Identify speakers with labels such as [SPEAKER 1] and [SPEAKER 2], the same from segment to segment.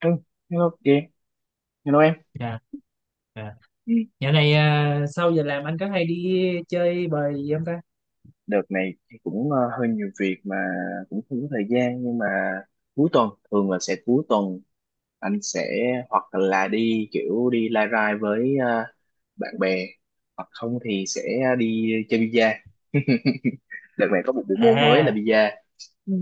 [SPEAKER 1] Ừ, hello chị, hello em.
[SPEAKER 2] Dạ, dạ.
[SPEAKER 1] Ừ.
[SPEAKER 2] Dạo này à, sau giờ làm anh có hay đi chơi bời gì không ta?
[SPEAKER 1] Đợt này thì cũng hơi nhiều việc mà cũng không có thời gian, nhưng mà cuối tuần thường là sẽ cuối tuần anh sẽ hoặc là đi kiểu đi lai rai với bạn bè, hoặc không thì sẽ đi chơi bi-a. Đợt này có một bộ môn mới là
[SPEAKER 2] À,
[SPEAKER 1] bi-a. Ừ.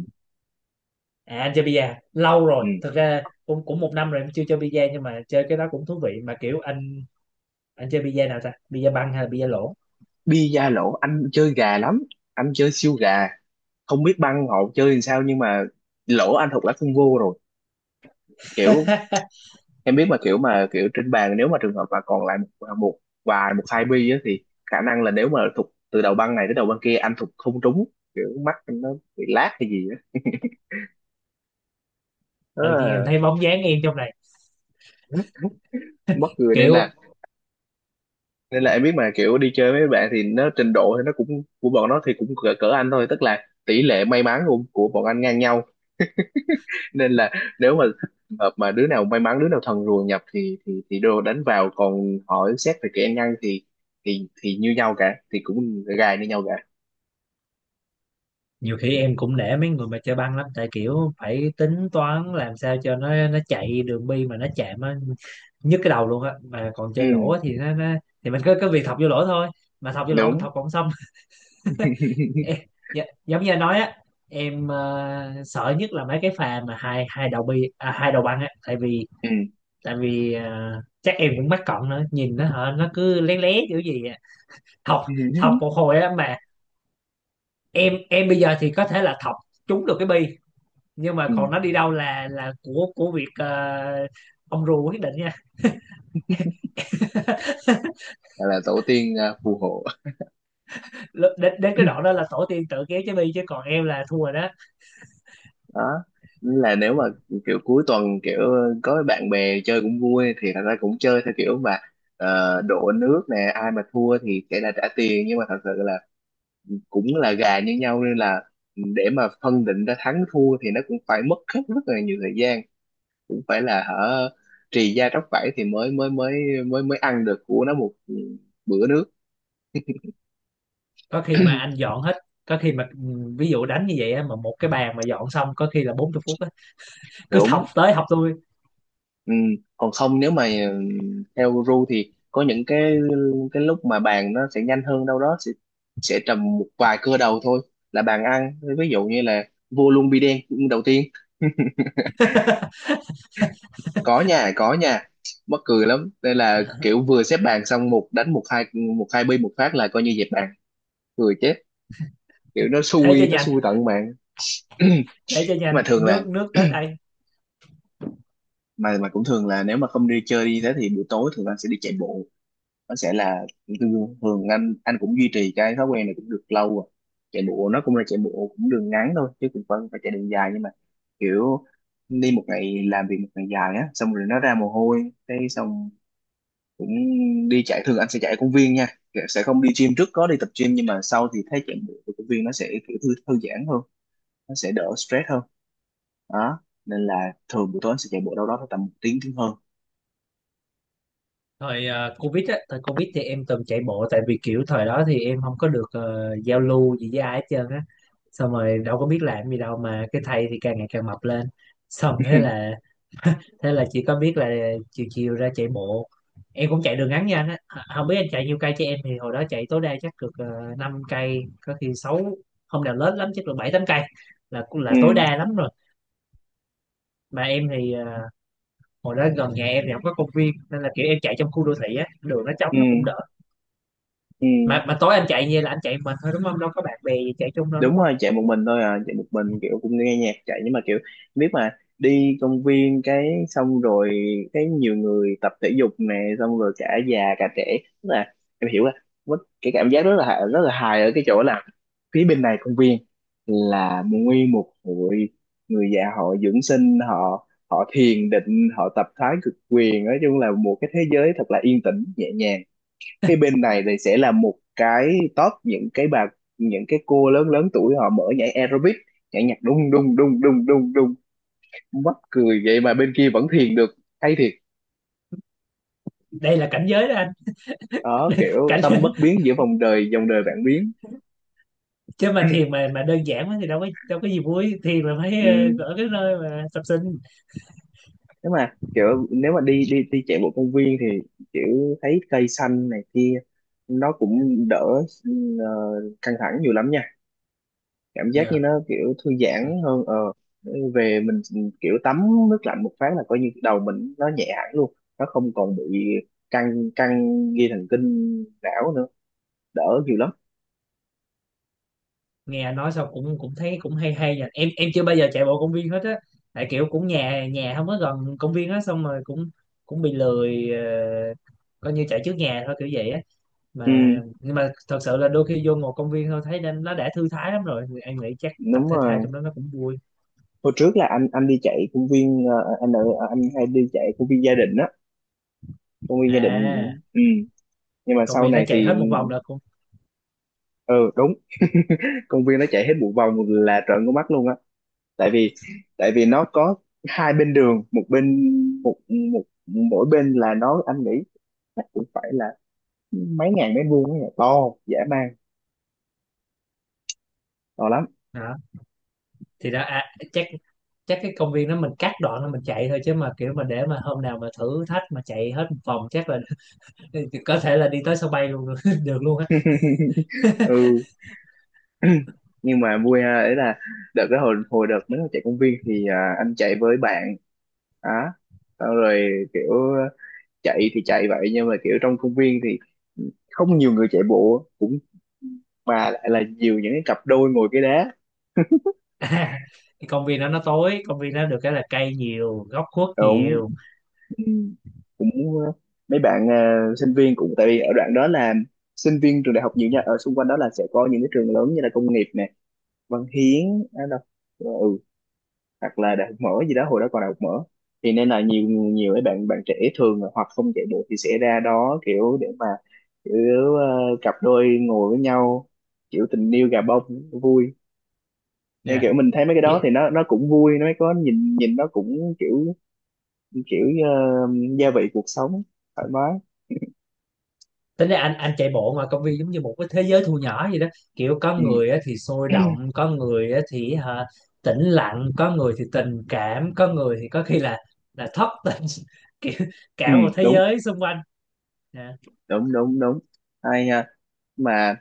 [SPEAKER 2] à anh chơi bida lâu
[SPEAKER 1] Ừ.
[SPEAKER 2] rồi. Thực ra cũng cũng một năm rồi em chưa chơi bida, nhưng mà chơi cái đó cũng thú vị mà. Kiểu anh chơi bida nào ta? Bida băng hay là bida lỗ?
[SPEAKER 1] Bi-a lỗ anh chơi gà lắm, anh chơi siêu gà, không biết băng họ chơi làm sao nhưng mà lỗ anh thuộc lá phân vô rồi. Kiểu em biết mà kiểu trên bàn nếu mà trường hợp mà còn lại một vài một hai bi á, thì khả năng là nếu mà thục từ đầu băng này tới đầu băng kia anh thục không trúng, kiểu mắt anh nó bị lát hay gì á. Nó
[SPEAKER 2] Tự nhiên em
[SPEAKER 1] là
[SPEAKER 2] thấy bóng dáng em trong này.
[SPEAKER 1] mất người, nên
[SPEAKER 2] Kiểu
[SPEAKER 1] là nên là em biết mà kiểu đi chơi với bạn thì nó trình độ thì nó cũng của bọn nó thì cũng cỡ anh thôi, tức là tỷ lệ may mắn của bọn anh ngang nhau. Nên là nếu mà hợp mà đứa nào may mắn đứa nào thần rùa nhập thì đồ đánh vào, còn hỏi xét về kỹ năng thì như nhau cả, thì cũng gài như nhau cả.
[SPEAKER 2] nhiều khi em cũng nể mấy người mà chơi băng lắm, tại kiểu phải tính toán làm sao cho nó chạy đường bi mà nó chạm á, nhức cái đầu luôn á. Mà còn chơi
[SPEAKER 1] Ừ,
[SPEAKER 2] lỗ thì nó thì mình cứ cứ việc thọc vô lỗ thôi, mà thọc vô lỗ mình
[SPEAKER 1] đúng.
[SPEAKER 2] thọc không xong. Ê, giống như anh nói á, em sợ nhất là mấy cái pha mà hai hai đầu bi à, hai đầu băng á, tại vì
[SPEAKER 1] Ừ.
[SPEAKER 2] chắc em cũng mắc cận nữa, nhìn nó hả nó cứ lé lé kiểu gì á. Thọc thọc một hồi á, mà em bây giờ thì có thể là thọc trúng được cái bi, nhưng mà
[SPEAKER 1] Ừ.
[SPEAKER 2] còn nó đi đâu là của việc ông rùa quyết định nha.
[SPEAKER 1] Gọi là tổ tiên à, phù hộ.
[SPEAKER 2] Đến đến cái đoạn đó là tổ tiên tự kéo trái bi, chứ còn em là thua rồi đó.
[SPEAKER 1] Đó là nếu mà kiểu cuối tuần kiểu có bạn bè chơi cũng vui, thì thật ra cũng chơi theo kiểu mà đổ nước nè, ai mà thua thì sẽ là trả tiền, nhưng mà thật sự là cũng là gà như nhau nên là để mà phân định ra thắng thua thì nó cũng phải mất hết rất là nhiều thời gian, cũng phải là hở trì da tróc vảy thì mới mới mới mới mới ăn được của nó một bữa nước.
[SPEAKER 2] Có khi mà anh dọn hết, có khi mà ví dụ đánh như vậy á, mà một cái bàn mà dọn xong có khi là 40 phút, cứ thọc
[SPEAKER 1] Đúng.
[SPEAKER 2] tới thọc lui.
[SPEAKER 1] Ừ. Còn không nếu mà theo ru thì có những cái lúc mà bàn nó sẽ nhanh hơn, đâu đó sẽ trầm một vài cưa đầu thôi, là bàn ăn, ví dụ như là vua luôn bi đen đầu tiên. có nhà mắc cười lắm, đây là kiểu vừa xếp bàn xong một đánh một hai, một hai bi một phát là coi như dẹp bàn, cười chết, kiểu
[SPEAKER 2] thế cho
[SPEAKER 1] nó
[SPEAKER 2] nhanh
[SPEAKER 1] xui tận mạng. Nhưng
[SPEAKER 2] thế cho
[SPEAKER 1] mà
[SPEAKER 2] nhanh
[SPEAKER 1] thường là
[SPEAKER 2] nước nước tới tay.
[SPEAKER 1] mà cũng thường là nếu mà không đi chơi đi thế thì buổi tối thường là sẽ đi chạy bộ. Nó sẽ là thường anh cũng duy trì cái thói quen này cũng được lâu rồi, chạy bộ nó cũng là chạy bộ cũng đường ngắn thôi chứ cũng phải phải chạy đường dài, nhưng mà kiểu đi một ngày làm việc một ngày dài á xong rồi nó ra mồ hôi cái xong cũng đi chạy. Thường anh sẽ chạy ở công viên nha, sẽ không đi gym, trước có đi tập gym nhưng mà sau thì thấy chạy bộ ở công viên nó sẽ kiểu thư giãn hơn, nó sẽ đỡ stress hơn. Đó, nên là thường buổi tối anh sẽ chạy bộ đâu đó tầm một tiếng tiếng hơn.
[SPEAKER 2] Thời covid á, thời covid thì em từng chạy bộ, tại vì kiểu thời đó thì em không có được giao lưu gì với ai hết trơn á, xong rồi đâu có biết làm gì đâu, mà cái thầy thì càng ngày càng mập lên. Xong thế là thế là chỉ có biết là chiều chiều ra chạy bộ. Em cũng chạy đường ngắn nha anh á, không biết anh chạy nhiêu cây chứ em thì hồi đó chạy tối đa chắc được 5 cây, có khi sáu, không nào lớn lắm chắc được 7 8 cây là cũng là
[SPEAKER 1] Ừ.
[SPEAKER 2] tối đa lắm rồi. Mà em thì hồi đó gần nhà em thì không có công viên, nên là kiểu em chạy trong khu đô thị á, đường nó trống
[SPEAKER 1] Ừ.
[SPEAKER 2] nó cũng đỡ.
[SPEAKER 1] Ừ,
[SPEAKER 2] Mà tối anh chạy như là anh chạy mình thôi đúng không, đâu có bạn bè gì chạy chung đâu đúng
[SPEAKER 1] đúng
[SPEAKER 2] không?
[SPEAKER 1] rồi, chạy một mình thôi à, chạy một mình kiểu cũng nghe nhạc chạy, nhưng mà kiểu biết mà đi công viên cái xong rồi cái nhiều người tập thể dục nè, xong rồi cả già cả trẻ, tức là em hiểu là mất cái cảm giác rất là hài ở cái chỗ là phía bên này công viên là nguyên một hội người già họ dưỡng sinh, họ họ thiền định, họ tập thái cực quyền, nói chung là một cái thế giới thật là yên tĩnh nhẹ nhàng. Cái bên này thì sẽ là một cái top những cái bà, những cái cô lớn lớn tuổi họ mở nhảy aerobic, nhảy nhạc đung đung đung đung đung đung, mắc cười vậy mà bên kia vẫn thiền được, hay thiệt.
[SPEAKER 2] Đây là cảnh giới đó anh.
[SPEAKER 1] Đó kiểu
[SPEAKER 2] cảnh
[SPEAKER 1] tâm bất biến giữa vòng đời dòng đời vạn biến.
[SPEAKER 2] Chứ mà thiền mà đơn giản quá thì đâu có gì vui, thiền là phải
[SPEAKER 1] Ừ.
[SPEAKER 2] ở cái nơi mà tập sinh.
[SPEAKER 1] Nếu mà kiểu nếu mà đi đi đi chạy bộ công viên thì kiểu thấy cây xanh này kia nó cũng đỡ ờ, căng thẳng nhiều lắm nha, cảm giác như
[SPEAKER 2] Dạ.
[SPEAKER 1] nó kiểu thư giãn hơn. Ờ Về mình kiểu tắm nước lạnh một phát là coi như đầu mình nó nhẹ hẳn luôn, nó không còn bị căng căng dây thần kinh não nữa, đỡ nhiều lắm.
[SPEAKER 2] Nghe anh nói xong cũng cũng thấy cũng hay hay nha, em chưa bao giờ chạy bộ công viên hết á, tại kiểu cũng nhà nhà không có gần công viên á, xong rồi cũng cũng bị lười coi như chạy trước nhà thôi kiểu vậy á
[SPEAKER 1] Ừ
[SPEAKER 2] mà. Nhưng mà thật sự là đôi khi vô ngồi công viên thôi thấy nên nó đã thư thái lắm rồi. Thì em nghĩ chắc tập
[SPEAKER 1] đúng
[SPEAKER 2] thể thao
[SPEAKER 1] rồi,
[SPEAKER 2] trong đó nó cũng vui.
[SPEAKER 1] hồi trước là anh đi chạy công viên, anh ở anh hay đi chạy công viên gia đình á, công viên gia đình.
[SPEAKER 2] À
[SPEAKER 1] Ừ. Nhưng mà
[SPEAKER 2] công
[SPEAKER 1] sau
[SPEAKER 2] viên nó
[SPEAKER 1] này
[SPEAKER 2] chạy
[SPEAKER 1] thì
[SPEAKER 2] hết một vòng là cũng,
[SPEAKER 1] ừ đúng, công viên nó chạy hết một vòng là trợn con mắt luôn á, tại vì tại vì nó có hai bên đường, một bên, một một mỗi bên là nó anh nghĩ chắc cũng phải là mấy ngàn mét vuông ấy, to dã man, to lắm.
[SPEAKER 2] đó thì đó à, chắc chắc cái công viên đó mình cắt đoạn đó mình chạy thôi, chứ mà kiểu mà để mà hôm nào mà thử thách mà chạy hết một vòng chắc là có thể là đi tới sân bay luôn được luôn á.
[SPEAKER 1] Ừ. Nhưng mà vui ha, ấy là đợt cái hồi hồi đợt mới chạy công viên thì anh chạy với bạn á, xong rồi kiểu chạy thì chạy vậy nhưng mà kiểu trong công viên thì không nhiều người chạy bộ mà lại là nhiều những cái cặp đôi ngồi cái đá.
[SPEAKER 2] À, cái công viên đó nó tối, công viên đó được cái là cây nhiều góc khuất
[SPEAKER 1] Đúng.
[SPEAKER 2] nhiều.
[SPEAKER 1] Ừ. Cũng mấy bạn sinh viên, cũng tại vì ở đoạn đó là sinh viên trường đại học nhiều nha, ở xung quanh đó là sẽ có những cái trường lớn như là công nghiệp nè, Văn Hiến à, đâu ờ, ừ, hoặc là đại học mở gì đó, hồi đó còn đại học mở, thì nên là nhiều nhiều mấy bạn bạn trẻ thường là hoặc không chạy bộ thì sẽ ra đó kiểu để mà kiểu cặp đôi ngồi với nhau, kiểu tình yêu gà bông, vui. Nên kiểu
[SPEAKER 2] Dạ,
[SPEAKER 1] mình thấy mấy cái đó thì nó cũng vui, nó có nhìn nhìn nó cũng kiểu kiểu gia vị cuộc sống, thoải mái.
[SPEAKER 2] tính ra anh chạy bộ ngoài công viên giống như một cái thế giới thu nhỏ vậy đó, kiểu có
[SPEAKER 1] Ừ,
[SPEAKER 2] người á thì sôi động, có người á thì hả, tĩnh lặng, có người thì tình cảm, có người thì có khi là thất tình. Kiểu
[SPEAKER 1] ừ,
[SPEAKER 2] cả một thế
[SPEAKER 1] đúng
[SPEAKER 2] giới xung quanh. Dạ.
[SPEAKER 1] đúng đúng đúng, hay nha. Mà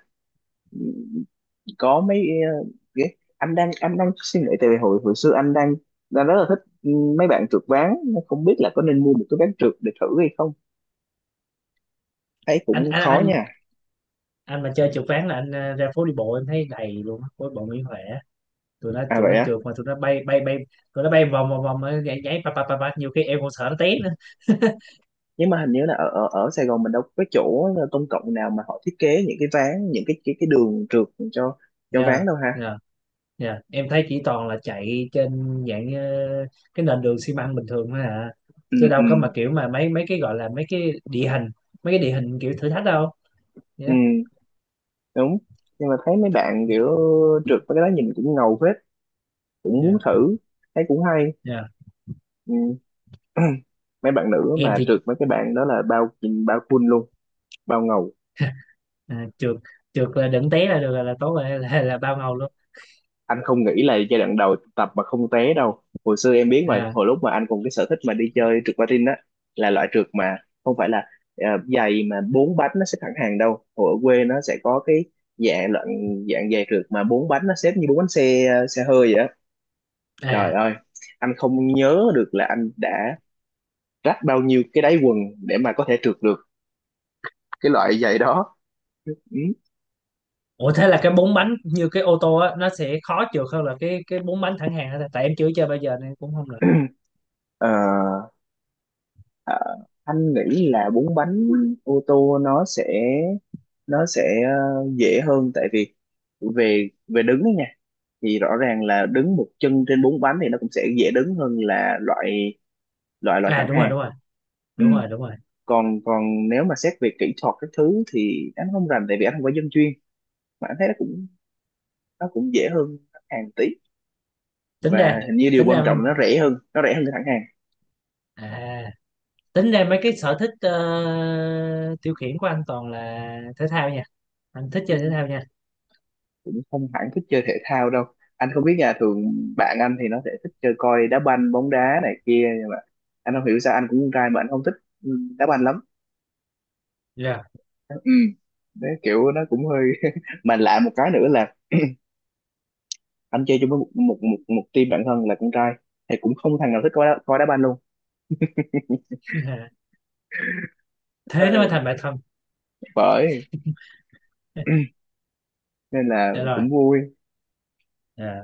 [SPEAKER 1] có mấy ờ, cái anh đang suy nghĩ, tại vì hồi hồi xưa anh đang đang rất là thích mấy bạn trượt ván, không biết là có nên mua một cái ván trượt để thử hay không, thấy
[SPEAKER 2] anh
[SPEAKER 1] cũng
[SPEAKER 2] anh
[SPEAKER 1] khó
[SPEAKER 2] anh
[SPEAKER 1] nha.
[SPEAKER 2] anh mà chơi trượt ván là anh ra phố đi bộ em thấy đầy luôn á, phố đi bộ Nguyễn Huệ á. tụi nó
[SPEAKER 1] À
[SPEAKER 2] tụi
[SPEAKER 1] vậy
[SPEAKER 2] nó
[SPEAKER 1] á.
[SPEAKER 2] trượt mà tụi nó bay bay bay, tụi nó bay vòng vòng vòng nhảy nhảy pa pa pa pa, nhiều khi em còn sợ nó té nữa.
[SPEAKER 1] Nhưng mà hình như là ở ở, ở Sài Gòn mình đâu có cái chỗ công cộng nào mà họ thiết kế những cái ván, những cái đường trượt cho cho ván
[SPEAKER 2] nha.
[SPEAKER 1] đâu ha.
[SPEAKER 2] Dạ, em thấy chỉ toàn là chạy trên dạng cái nền đường xi măng bình thường thôi à.
[SPEAKER 1] Ừ
[SPEAKER 2] Chứ
[SPEAKER 1] ừ
[SPEAKER 2] đâu có mà kiểu mà mấy mấy cái gọi là mấy cái địa hình, mấy cái địa hình kiểu thử thách đâu.
[SPEAKER 1] ừ
[SPEAKER 2] Dạ,
[SPEAKER 1] đúng. Nhưng mà thấy mấy bạn kiểu trượt với cái đó nhìn cũng ngầu phết, cũng
[SPEAKER 2] dạ,
[SPEAKER 1] muốn thử, thấy cũng hay.
[SPEAKER 2] dạ.
[SPEAKER 1] Ừ. Mấy bạn nữ
[SPEAKER 2] Em
[SPEAKER 1] mà
[SPEAKER 2] thì
[SPEAKER 1] trượt, mấy cái bạn đó là bao, bao full luôn, bao ngầu.
[SPEAKER 2] à, trượt trượt là đừng té là được, là tốt rồi, là bao ngầu luôn.
[SPEAKER 1] Anh không nghĩ là giai đoạn đầu tập mà không té đâu, hồi xưa em biết mà
[SPEAKER 2] À,
[SPEAKER 1] hồi lúc mà anh cùng cái sở thích mà đi chơi trượt patin á, là loại trượt mà không phải là ờ, giày mà bốn bánh nó xếp thẳng hàng đâu, hồi ở quê nó sẽ có cái dạng loại dạng giày trượt mà bốn bánh nó xếp như bốn bánh xe xe hơi vậy á. Trời
[SPEAKER 2] à.
[SPEAKER 1] ơi, anh không nhớ được là anh đã rách bao nhiêu cái đáy quần để mà có thể trượt được cái loại giày đó.
[SPEAKER 2] Ủa thế là cái bốn bánh như cái ô tô á nó sẽ khó trượt hơn là cái bốn bánh thẳng hàng hả ta? Tại em chưa chơi bao giờ nên cũng không được.
[SPEAKER 1] Ừ. Ờ, à, anh nghĩ là bốn bánh ô tô nó sẽ dễ hơn, tại vì về về đứng ấy nha, thì rõ ràng là đứng một chân trên bốn bánh thì nó cũng sẽ dễ đứng hơn là loại, loại
[SPEAKER 2] À
[SPEAKER 1] thẳng
[SPEAKER 2] đúng rồi,
[SPEAKER 1] hàng.
[SPEAKER 2] đúng rồi.
[SPEAKER 1] Ừ.
[SPEAKER 2] Đúng rồi, đúng rồi.
[SPEAKER 1] còn còn nếu mà xét về kỹ thuật các thứ thì anh không rành tại vì anh không phải dân chuyên, mà anh thấy nó cũng dễ hơn thẳng hàng tí,
[SPEAKER 2] Tính
[SPEAKER 1] và
[SPEAKER 2] ra
[SPEAKER 1] hình như điều
[SPEAKER 2] tính
[SPEAKER 1] quan
[SPEAKER 2] ra
[SPEAKER 1] trọng là nó rẻ hơn, nó rẻ hơn cái thẳng hàng.
[SPEAKER 2] à tính ra mấy cái sở thích tiêu khiển của anh toàn là thể thao nha, anh thích chơi thể thao nha.
[SPEAKER 1] Cũng không hẳn thích chơi thể thao đâu, anh không biết nhà thường bạn anh thì nó sẽ thích chơi coi đá banh bóng đá này kia, nhưng mà anh không hiểu sao anh cũng con trai mà anh không thích ừ, đá banh lắm.
[SPEAKER 2] Dạ.
[SPEAKER 1] Ừ. Đấy, kiểu nó cũng hơi mà lạ một cái nữa là anh chơi chung với một team bạn thân là con trai thì cũng không thằng nào thích coi đá banh luôn. Ờ,
[SPEAKER 2] Thế nó mới thành bạn thân.
[SPEAKER 1] bởi. Nên là
[SPEAKER 2] Dạ rồi.
[SPEAKER 1] cũng vui.
[SPEAKER 2] Dạ.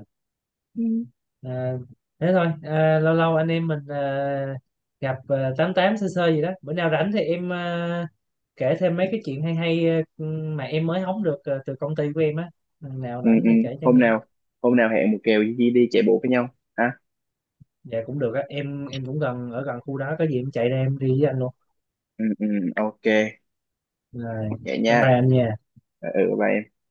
[SPEAKER 1] Ừ.
[SPEAKER 2] Ờ, thế thôi. Ờ, lâu lâu anh em mình gặp tám tám sơ sơ gì đó, bữa nào rảnh thì em kể thêm mấy cái chuyện hay hay mà em mới hóng được từ công ty của em á. Lần nào
[SPEAKER 1] Ừ,
[SPEAKER 2] rảnh
[SPEAKER 1] ừ.
[SPEAKER 2] thì kể cho
[SPEAKER 1] hôm
[SPEAKER 2] nghe.
[SPEAKER 1] nào hôm nào hẹn một kèo đi chạy bộ với nhau ha.
[SPEAKER 2] Dạ cũng được á, em cũng gần ở gần khu đó, có gì em chạy ra em đi với anh luôn.
[SPEAKER 1] Ừ, ừ, ok.
[SPEAKER 2] Rồi
[SPEAKER 1] Vậy
[SPEAKER 2] bye
[SPEAKER 1] nha.
[SPEAKER 2] bye anh nha.
[SPEAKER 1] Ừ, bye em.